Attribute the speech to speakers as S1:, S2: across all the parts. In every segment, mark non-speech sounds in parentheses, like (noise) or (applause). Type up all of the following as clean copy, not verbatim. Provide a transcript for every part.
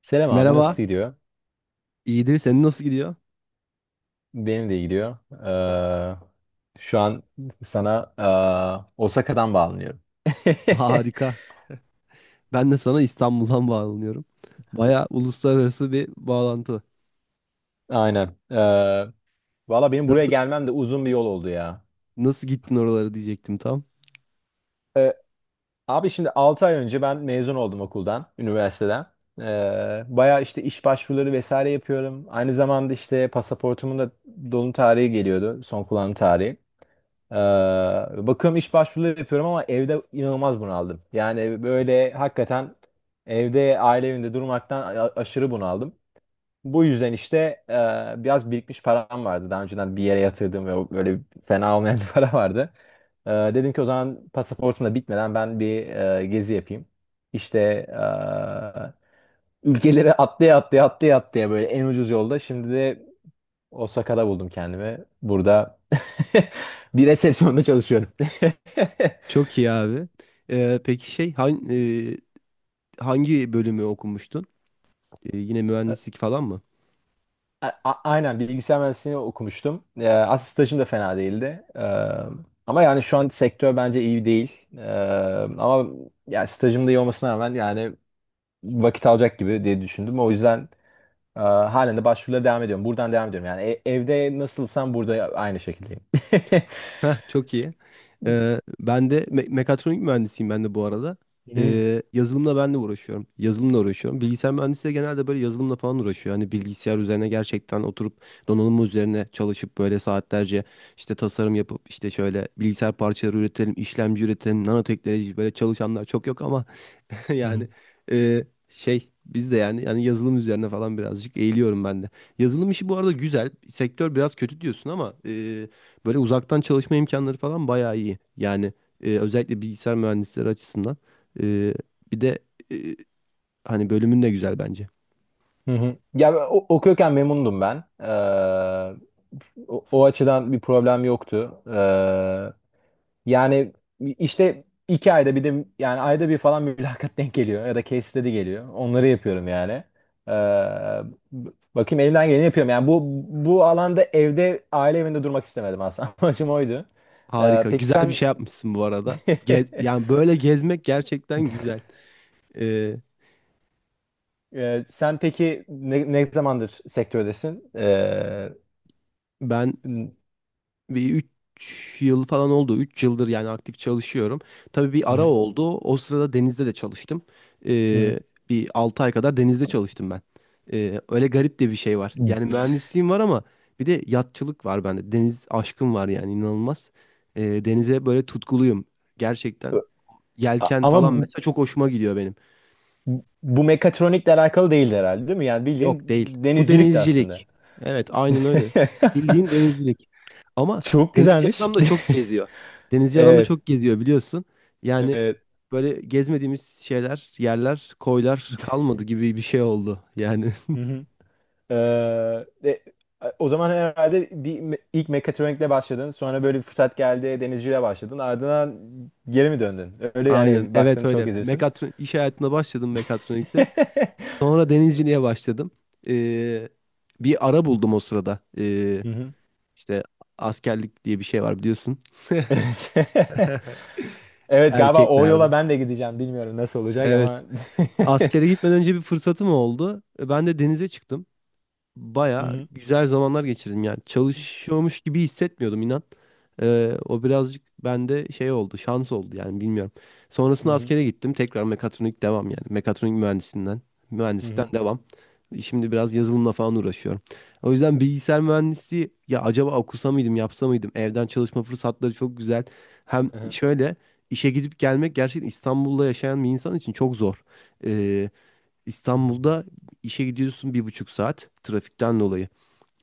S1: Selam abi,
S2: Merhaba,
S1: nasıl gidiyor?
S2: iyidir. Senin nasıl gidiyor?
S1: Benim de iyi gidiyor. Ee, şu an sana Osaka'dan bağlanıyorum. (laughs)
S2: (laughs) Harika. Ben de sana İstanbul'dan (laughs) bağlanıyorum. Baya uluslararası bir bağlantı.
S1: Aynen. Valla benim buraya
S2: Nasıl
S1: gelmem de uzun bir yol oldu ya.
S2: nasıl gittin oralara diyecektim tam.
S1: Ee, abi şimdi 6 ay önce ben mezun oldum okuldan, üniversiteden. Baya işte iş başvuruları vesaire yapıyorum. Aynı zamanda işte pasaportumun da dolum tarihi geliyordu. Son kullanım tarihi. Ee, bakıyorum iş başvuruları yapıyorum ama evde inanılmaz bunaldım. Yani böyle hakikaten evde aile evinde durmaktan aşırı bunaldım. Bu yüzden işte biraz birikmiş param vardı. Daha önceden bir yere yatırdığım ve o böyle fena olmayan bir (laughs) para vardı. Dedim ki o zaman pasaportum da bitmeden ben bir gezi yapayım. İşte ülkeleri (laughs) atlaya atlaya atlaya atlaya böyle en ucuz yolda. Şimdi de Osaka'da buldum kendimi. Burada (laughs) bir resepsiyonda çalışıyorum. (laughs)
S2: Çok iyi abi. Peki hangi bölümü okumuştun? Yine mühendislik falan mı?
S1: Aynen, bilgisayar mühendisliğini okumuştum. Aslında stajım da fena değildi. Ama yani şu an sektör bence iyi değil. Ama ya stajım da iyi olmasına rağmen yani vakit alacak gibi diye düşündüm. O yüzden halen de başvurulara devam ediyorum. Buradan devam ediyorum. Yani evde nasılsam burada aynı şekildeyim.
S2: Heh, çok iyi. Ben de mekatronik mühendisiyim ben de bu arada.
S1: (laughs)
S2: Yazılımla ben de uğraşıyorum. Yazılımla uğraşıyorum. Bilgisayar mühendisi de genelde böyle yazılımla falan uğraşıyor. Hani bilgisayar üzerine gerçekten oturup donanım üzerine çalışıp böyle saatlerce işte tasarım yapıp işte şöyle bilgisayar parçaları üretelim, işlemci üretelim, nanoteknoloji böyle çalışanlar çok yok ama (laughs)
S1: Hmm.
S2: yani şey biz de yani yazılım üzerine falan birazcık eğiliyorum ben de. Yazılım işi bu arada güzel. Sektör biraz kötü diyorsun ama böyle uzaktan çalışma imkanları falan bayağı iyi. Yani özellikle bilgisayar mühendisleri açısından. E, Bir de e, hani bölümün de güzel bence.
S1: Hı hı. Ya ben okuyorken memnundum ben. O açıdan bir problem yoktu. Yani işte 2 ayda bir de yani ayda bir falan (laughs) mülakat denk geliyor ya da case study geliyor. Onları yapıyorum yani. Ee, b- bakayım, elimden geleni yapıyorum. Yani bu alanda evde aile evinde durmak istemedim aslında. (laughs) Amacım oydu.
S2: Harika.
S1: Peki
S2: Güzel bir
S1: sen.
S2: şey yapmışsın bu arada.
S1: (laughs)
S2: Yani böyle gezmek gerçekten güzel. E,
S1: Sen peki ne zamandır sektördesin?
S2: Ben bir 3 yıl falan oldu. Üç yıldır yani aktif çalışıyorum. Tabii bir ara
S1: Hı
S2: oldu. O sırada denizde de çalıştım. Ee, Bir 6 ay kadar denizde çalıştım ben. Öyle garip de bir şey var.
S1: hı.
S2: Yani mühendisliğim var ama bir de yatçılık var bende. Deniz aşkım var yani inanılmaz. Denize böyle tutkuluyum gerçekten. Yelken
S1: Ama
S2: falan
S1: bu
S2: mesela çok hoşuma gidiyor benim.
S1: mekatronikle alakalı değildi herhalde, değil mi? Yani bildiğin
S2: Yok değil. Bu
S1: denizcilik de aslında.
S2: denizcilik. Evet, aynen öyle. Bildiğin
S1: (laughs)
S2: denizcilik. Ama
S1: Çok
S2: denizci
S1: güzelmiş.
S2: adam da çok
S1: (laughs)
S2: geziyor. Denizci adam da
S1: Evet.
S2: çok geziyor biliyorsun. Yani
S1: Evet.
S2: böyle gezmediğimiz şeyler, yerler, koylar kalmadı gibi bir şey oldu. Yani
S1: Hı hı. Ee, e, o zaman herhalde bir ilk mekatronikle başladın. Sonra böyle bir fırsat geldi, denizciliğe başladın. Ardından geri mi döndün?
S2: (laughs)
S1: Öyle
S2: aynen
S1: yani,
S2: evet
S1: baktın çok
S2: öyle.
S1: izliyorsun.
S2: Mekatron iş hayatına başladım mekatronikte.
S1: (laughs)
S2: Sonra denizciliğe başladım. Ee, Bir ara buldum o sırada.
S1: Hı hı.
S2: İşte askerlik diye bir şey var biliyorsun.
S1: Evet. (laughs)
S2: (laughs)
S1: Evet, galiba o
S2: Erkeklerde.
S1: yola ben de gideceğim. Bilmiyorum nasıl olacak
S2: Evet.
S1: ama.
S2: Askere
S1: (laughs)
S2: gitmeden önce bir fırsatım oldu. E, ben de denize çıktım.
S1: Hı
S2: Baya
S1: hı.
S2: güzel zamanlar geçirdim yani. Çalışıyormuş gibi hissetmiyordum inan. O birazcık bende şey oldu, şans oldu yani bilmiyorum.
S1: Hı
S2: Sonrasında
S1: hı.
S2: askere gittim. Tekrar mekatronik devam yani. Mekatronik mühendisinden, mühendisten devam. Şimdi biraz yazılımla falan uğraşıyorum. O yüzden bilgisayar mühendisliği ya acaba okusa mıydım, yapsa mıydım? Evden çalışma fırsatları çok güzel. Hem
S1: Hı hı.
S2: şöyle işe gidip gelmek gerçekten İstanbul'da yaşayan bir insan için çok zor. E,
S1: Hmm.
S2: İstanbul'da işe gidiyorsun bir buçuk saat trafikten dolayı.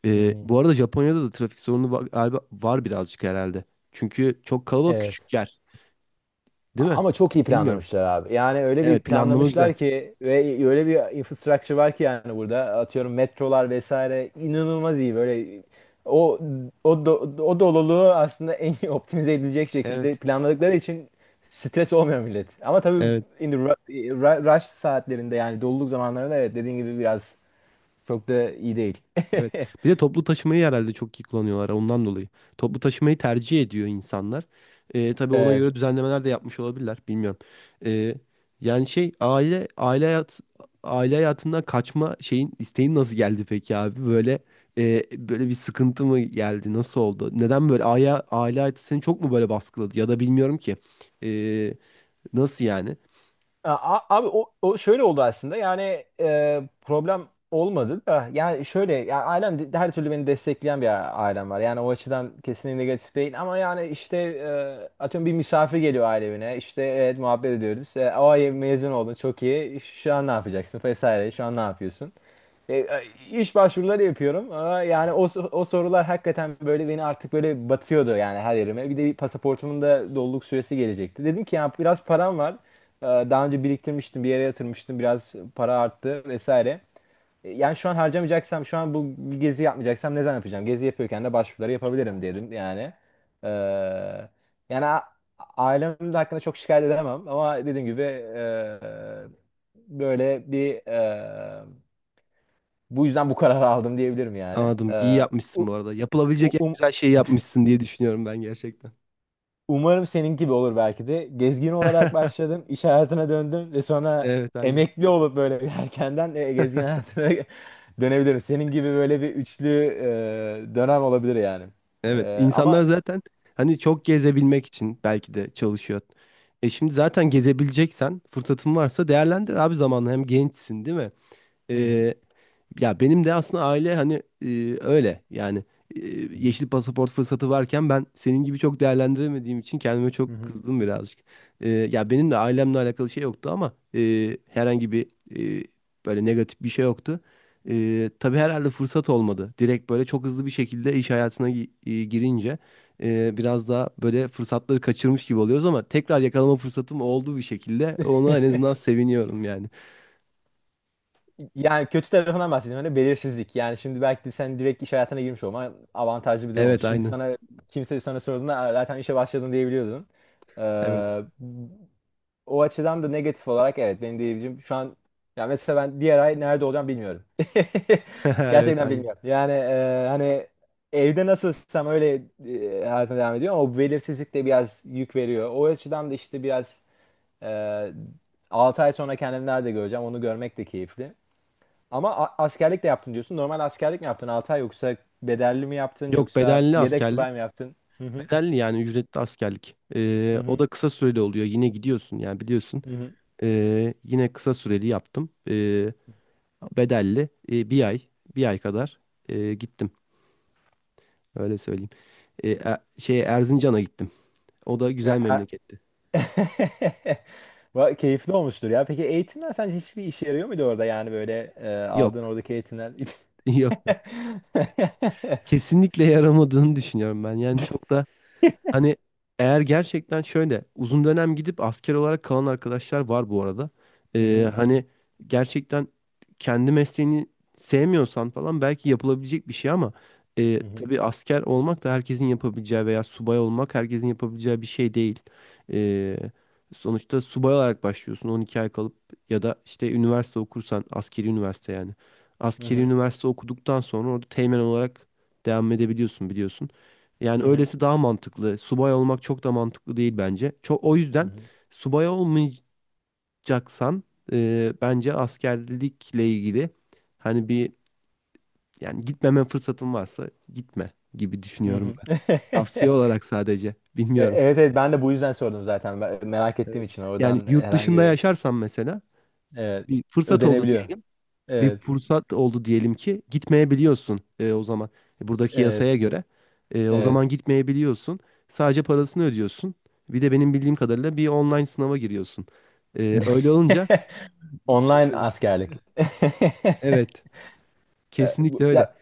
S1: Hmm.
S2: Bu arada Japonya'da da trafik sorunu var, galiba var birazcık herhalde. Çünkü çok kalabalık
S1: Evet.
S2: küçük yer, değil mi?
S1: Ama çok iyi
S2: Bilmiyorum.
S1: planlamışlar abi. Yani öyle bir
S2: Evet, planlama güzel.
S1: planlamışlar ki ve öyle bir infrastructure var ki, yani burada atıyorum metrolar vesaire inanılmaz iyi böyle o o do, o doluluğu aslında en iyi optimize edilecek şekilde
S2: Evet,
S1: planladıkları için stres olmuyor millet. Ama tabii
S2: evet.
S1: in the ru- ru- rush saatlerinde, yani doluluk zamanlarında, evet, dediğin gibi biraz çok da iyi değil. (laughs)
S2: Evet. Bir de toplu taşımayı herhalde çok iyi kullanıyorlar ondan dolayı. Toplu taşımayı tercih ediyor insanlar. Tabii ona
S1: Evet.
S2: göre düzenlemeler de yapmış olabilirler. Bilmiyorum. Ee, Yani şey aile hayatından kaçma şeyin isteğin nasıl geldi peki abi? Böyle böyle bir sıkıntı mı geldi? Nasıl oldu? Neden böyle aile hayatı seni çok mu böyle baskıladı? Ya da bilmiyorum ki. Ee, Nasıl yani?
S1: Abi o şöyle oldu aslında. Yani problem olmadı da, yani şöyle, ya her türlü beni destekleyen bir ailem var, yani o açıdan kesinlikle negatif değil. Ama yani işte, atıyorum bir misafir geliyor aile evine, işte evet muhabbet ediyoruz, o ay mezun oldun, çok iyi, şu an ne yapacaksın vesaire, şu an ne yapıyorsun, e, e, iş başvuruları yapıyorum. Ama yani o sorular hakikaten böyle beni artık böyle batıyordu yani, her yerime. Bir de bir pasaportumun da doluluk süresi gelecekti. Dedim ki ya biraz param var. Daha önce biriktirmiştim, bir yere yatırmıştım, biraz para arttı vesaire. Yani şu an harcamayacaksam, şu an bu gezi yapmayacaksam ne zaman yapacağım? Gezi yapıyorken de başvuruları yapabilirim dedim yani. Ee, yani ailem de hakkında çok şikayet edemem, ama dediğim gibi, böyle bir bu yüzden bu kararı aldım diyebilirim yani.
S2: Anladım. İyi yapmışsın
S1: U-
S2: bu arada. Yapılabilecek
S1: u-
S2: en
S1: um-
S2: güzel şeyi yapmışsın diye düşünüyorum ben gerçekten.
S1: Umarım senin gibi olur belki de. Gezgin olarak başladım, iş hayatına döndüm ve sonra
S2: Evet, aynen.
S1: emekli olup böyle bir erkenden gezgin hayatına (laughs) dönebilirim. Senin gibi böyle bir üçlü dönem olabilir yani.
S2: Evet, insanlar
S1: Ama.
S2: zaten hani çok gezebilmek için belki de çalışıyor. E şimdi zaten gezebileceksen, fırsatın varsa değerlendir abi zamanı. Hem gençsin değil mi?
S1: Hı hı,
S2: Ee, Ya benim de aslında aile hani öyle yani e,
S1: hı hı,
S2: yeşil pasaport fırsatı varken ben senin gibi çok değerlendiremediğim için kendime
S1: hı
S2: çok
S1: hı.
S2: kızdım birazcık. Ya benim de ailemle alakalı şey yoktu ama herhangi bir e, böyle negatif bir şey yoktu. Tabii herhalde fırsat olmadı. Direkt böyle çok hızlı bir şekilde iş hayatına girince biraz daha böyle fırsatları kaçırmış gibi oluyoruz ama tekrar yakalama fırsatım oldu bir şekilde. Ona en azından seviniyorum yani.
S1: Yani kötü tarafından bahsedeyim. Hani belirsizlik. Yani şimdi belki de sen direkt iş hayatına girmiş olman avantajlı bir durum olmuş.
S2: Evet
S1: Şimdi
S2: aynen.
S1: sana kimse sana sorduğunda "Aa, zaten işe başladın." diyebiliyordun. Ee,
S2: Evet.
S1: o açıdan da negatif olarak evet benim diyebileceğim şu an, ya mesela ben diğer ay nerede olacağım bilmiyorum. (laughs)
S2: (laughs) Evet
S1: Gerçekten
S2: aynen.
S1: bilmiyorum. Yani hani evde nasılsam öyle hayatıma devam ediyor, ama o belirsizlik de biraz yük veriyor. O açıdan da işte biraz e, 6 ay sonra kendimi nerede göreceğim, onu görmek de keyifli. Ama askerlik de yaptın diyorsun. Normal askerlik mi yaptın 6 ay, yoksa bedelli mi yaptın,
S2: Yok
S1: yoksa
S2: bedelli
S1: yedek subay mı
S2: askerlik.
S1: yaptın? Hı hı.
S2: Bedelli yani ücretli askerlik.
S1: Hı
S2: O
S1: hı.
S2: da kısa süreli oluyor. Yine gidiyorsun yani biliyorsun.
S1: Hı hı.
S2: Yine kısa süreli yaptım. Bedelli bir ay kadar gittim. Öyle söyleyeyim. Şey Erzincan'a gittim. O da
S1: Ya,
S2: güzel memleketti.
S1: (laughs) Keyifli olmuştur ya. Peki eğitimler sence hiçbir işe yarıyor muydu orada, yani böyle aldığın
S2: Yok.
S1: oradaki eğitimler? (laughs)
S2: (laughs) Yok. Kesinlikle yaramadığını düşünüyorum ben. Yani çok da hani eğer gerçekten şöyle uzun dönem gidip asker olarak kalan arkadaşlar var bu arada.
S1: Hı hı.
S2: Hani gerçekten kendi mesleğini sevmiyorsan falan belki yapılabilecek bir şey ama
S1: Hı hı.
S2: tabii asker olmak da herkesin yapabileceği veya subay olmak herkesin yapabileceği bir şey değil. Ee, Sonuçta subay olarak başlıyorsun 12 ay kalıp ya da işte üniversite okursan askeri üniversite yani.
S1: Hı
S2: Askeri
S1: hı.
S2: üniversite okuduktan sonra orada teğmen olarak devam edebiliyorsun biliyorsun. Yani
S1: Hı hı.
S2: öylesi daha mantıklı. Subay olmak çok da mantıklı değil bence. Çok, o yüzden subay olmayacaksan bence askerlikle ilgili hani bir yani gitmeme fırsatın varsa gitme gibi
S1: Hı
S2: düşünüyorum
S1: hı.
S2: ben.
S1: (laughs)
S2: Tavsiye olarak sadece bilmiyorum.
S1: Evet, evet, ben de bu yüzden sordum zaten. Merak ettiğim
S2: Evet.
S1: için
S2: Yani
S1: oradan
S2: yurt dışında yaşarsan mesela
S1: evet,
S2: bir fırsat oldu
S1: ödenebiliyor.
S2: diyelim. Bir
S1: Evet.
S2: fırsat oldu diyelim ki gitmeyebiliyorsun o zaman E, buradaki
S1: Evet.
S2: yasaya göre. E, o
S1: Evet.
S2: zaman gitmeyebiliyorsun. Sadece parasını ödüyorsun. Bir de benim bildiğim kadarıyla bir online sınava giriyorsun. E, öyle olunca
S1: (laughs)
S2: gitmemiş
S1: Online
S2: olursun.
S1: askerlik. (laughs)
S2: Evet, kesinlikle öyle.
S1: Ya,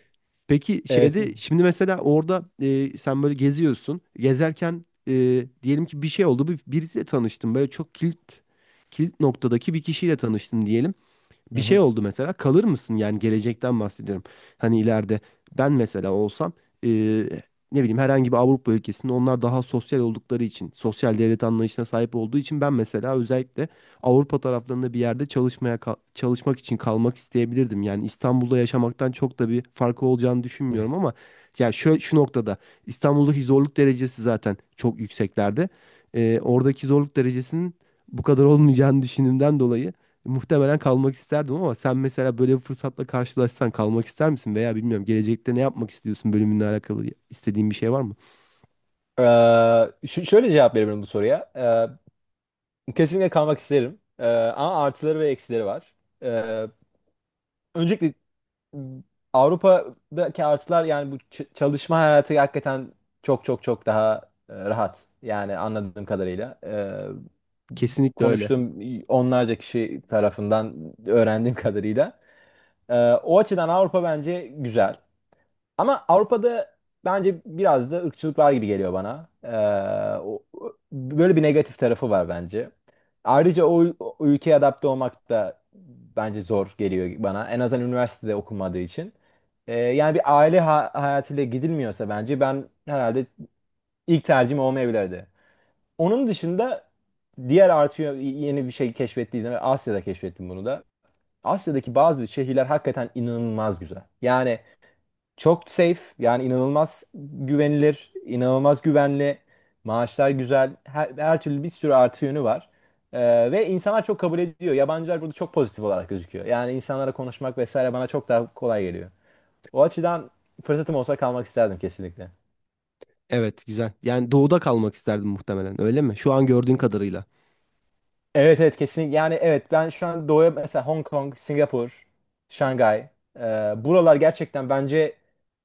S2: Peki
S1: evet.
S2: şeyde şimdi mesela orada sen böyle geziyorsun. Gezerken diyelim ki bir şey oldu. Bir, birisiyle tanıştın. Böyle çok kilit noktadaki bir kişiyle tanıştın diyelim.
S1: Hı
S2: Bir şey
S1: hı.
S2: oldu mesela kalır mısın? Yani gelecekten bahsediyorum. Hani ileride ben mesela olsam eee, ne bileyim herhangi bir Avrupa ülkesinde onlar daha sosyal oldukları için, sosyal devlet anlayışına sahip olduğu için ben mesela özellikle Avrupa taraflarında bir yerde çalışmaya çalışmak için kalmak isteyebilirdim. Yani İstanbul'da yaşamaktan çok da bir farkı olacağını düşünmüyorum ama ya şu noktada İstanbul'daki zorluk derecesi zaten çok yükseklerde. Oradaki zorluk derecesinin bu kadar olmayacağını düşündüğümden dolayı muhtemelen kalmak isterdim ama sen mesela böyle bir fırsatla karşılaşsan kalmak ister misin? Veya bilmiyorum gelecekte ne yapmak istiyorsun bölümünle alakalı istediğin bir şey var mı?
S1: Şöyle cevap verebilirim bu soruya. Kesinlikle kalmak isterim. Ama artıları ve eksileri var. Ee, öncelikle, m, Avrupa'daki artılar, yani bu çalışma hayatı hakikaten çok çok çok daha rahat. Yani anladığım kadarıyla.
S2: Kesinlikle öyle.
S1: Konuştuğum onlarca kişi tarafından öğrendiğim (laughs) kadarıyla. Ee, o açıdan Avrupa bence güzel. Ama Avrupa'da bence biraz da ırkçılık var gibi geliyor bana. Böyle bir negatif tarafı var bence. Ayrıca o ülkeye adapte olmak da bence zor geliyor bana. En azından üniversitede okunmadığı için. Yani bir aile hayatıyla gidilmiyorsa bence ben herhalde ilk tercihim olmayabilirdi. Onun dışında diğer artıyor yeni bir şey keşfettiydim. Asya'da keşfettim bunu da. Asya'daki bazı şehirler hakikaten inanılmaz güzel. Yani çok safe, yani inanılmaz güvenilir, inanılmaz güvenli, maaşlar güzel, her türlü bir sürü artı yönü var. Ve insanlar çok kabul ediyor. Yabancılar burada çok pozitif olarak gözüküyor. Yani insanlara konuşmak vesaire bana çok daha kolay geliyor. O açıdan fırsatım olsa kalmak isterdim kesinlikle.
S2: Evet güzel. Yani doğuda kalmak isterdim muhtemelen öyle mi? Şu an gördüğün kadarıyla.
S1: Evet, evet, kesinlikle yani. Evet, ben şu an doğuya mesela Hong Kong, Singapur, Şangay, e, buralar gerçekten bence,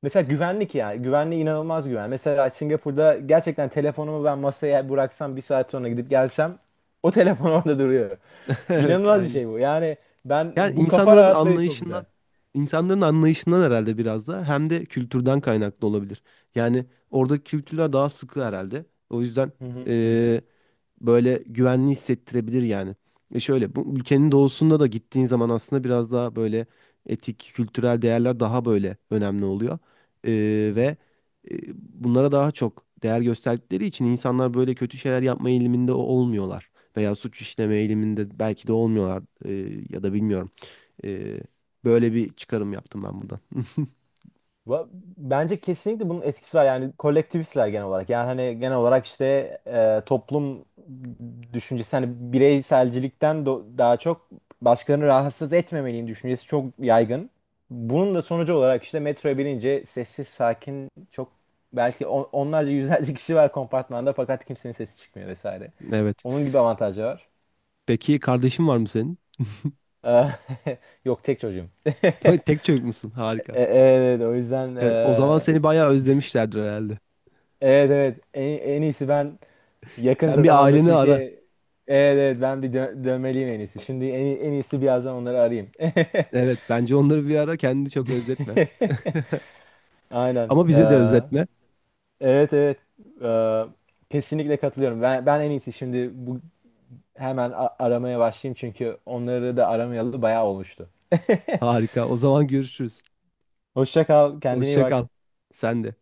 S1: mesela güvenlik, ya güvenli, inanılmaz güven. Mesela Singapur'da gerçekten telefonumu ben masaya bıraksam, bir saat sonra gidip gelsem o telefon (laughs) orada duruyor.
S2: (laughs) Evet
S1: İnanılmaz bir
S2: aynı.
S1: şey bu yani, ben
S2: Yani
S1: bu kafa
S2: insanların
S1: rahatlığı çok güzel.
S2: anlayışından insanların anlayışından herhalde biraz da hem de kültürden kaynaklı olabilir. Yani orada kültürler daha sıkı herhalde. O yüzden
S1: Hı hı, hı
S2: böyle güvenli hissettirebilir yani. E şöyle bu ülkenin doğusunda da gittiğin zaman aslında biraz daha böyle etik, kültürel değerler daha böyle önemli oluyor. E,
S1: hı.
S2: Ve bunlara daha çok değer gösterdikleri için insanlar böyle kötü şeyler yapma eğiliminde olmuyorlar. Veya suç işleme eğiliminde belki de olmuyorlar ya da bilmiyorum. E, Böyle bir çıkarım yaptım ben buradan.
S1: Va- bence kesinlikle bunun etkisi var. Yani kolektivistler genel olarak, yani hani genel olarak işte, toplum düşüncesi, hani bireyselcilikten daha çok başkalarını rahatsız etmemeliyim düşüncesi çok yaygın. Bunun da sonucu olarak işte metroya binince sessiz sakin, çok belki onlarca yüzlerce kişi var kompartmanda, fakat kimsenin sesi çıkmıyor vesaire.
S2: Evet.
S1: Onun gibi avantajı var.
S2: Peki kardeşin var mı senin?
S1: Eh, (laughs) yok, tek çocuğum. (laughs)
S2: (laughs) Tek çocuk musun? Harika.
S1: Evet, o yüzden,
S2: O zaman seni bayağı özlemişlerdir herhalde.
S1: evet, evet, en iyisi ben yakın
S2: Sen bir
S1: zamanda
S2: aileni
S1: Türkiye,
S2: ara.
S1: evet, evet ben bir dö dönmeliyim en iyisi. Şimdi en iyisi birazdan onları arayayım.
S2: Evet bence onları bir ara kendini çok özletme.
S1: (laughs) Aynen.
S2: Ama bize de özletme.
S1: Evet, evet. Ee, kesinlikle katılıyorum. Ben en iyisi şimdi bu hemen aramaya başlayayım, çünkü onları da aramayalı bayağı olmuştu. (laughs)
S2: Harika. O zaman görüşürüz.
S1: Hoşça kal, kendine iyi
S2: Hoşça kal.
S1: bak.
S2: Sen de.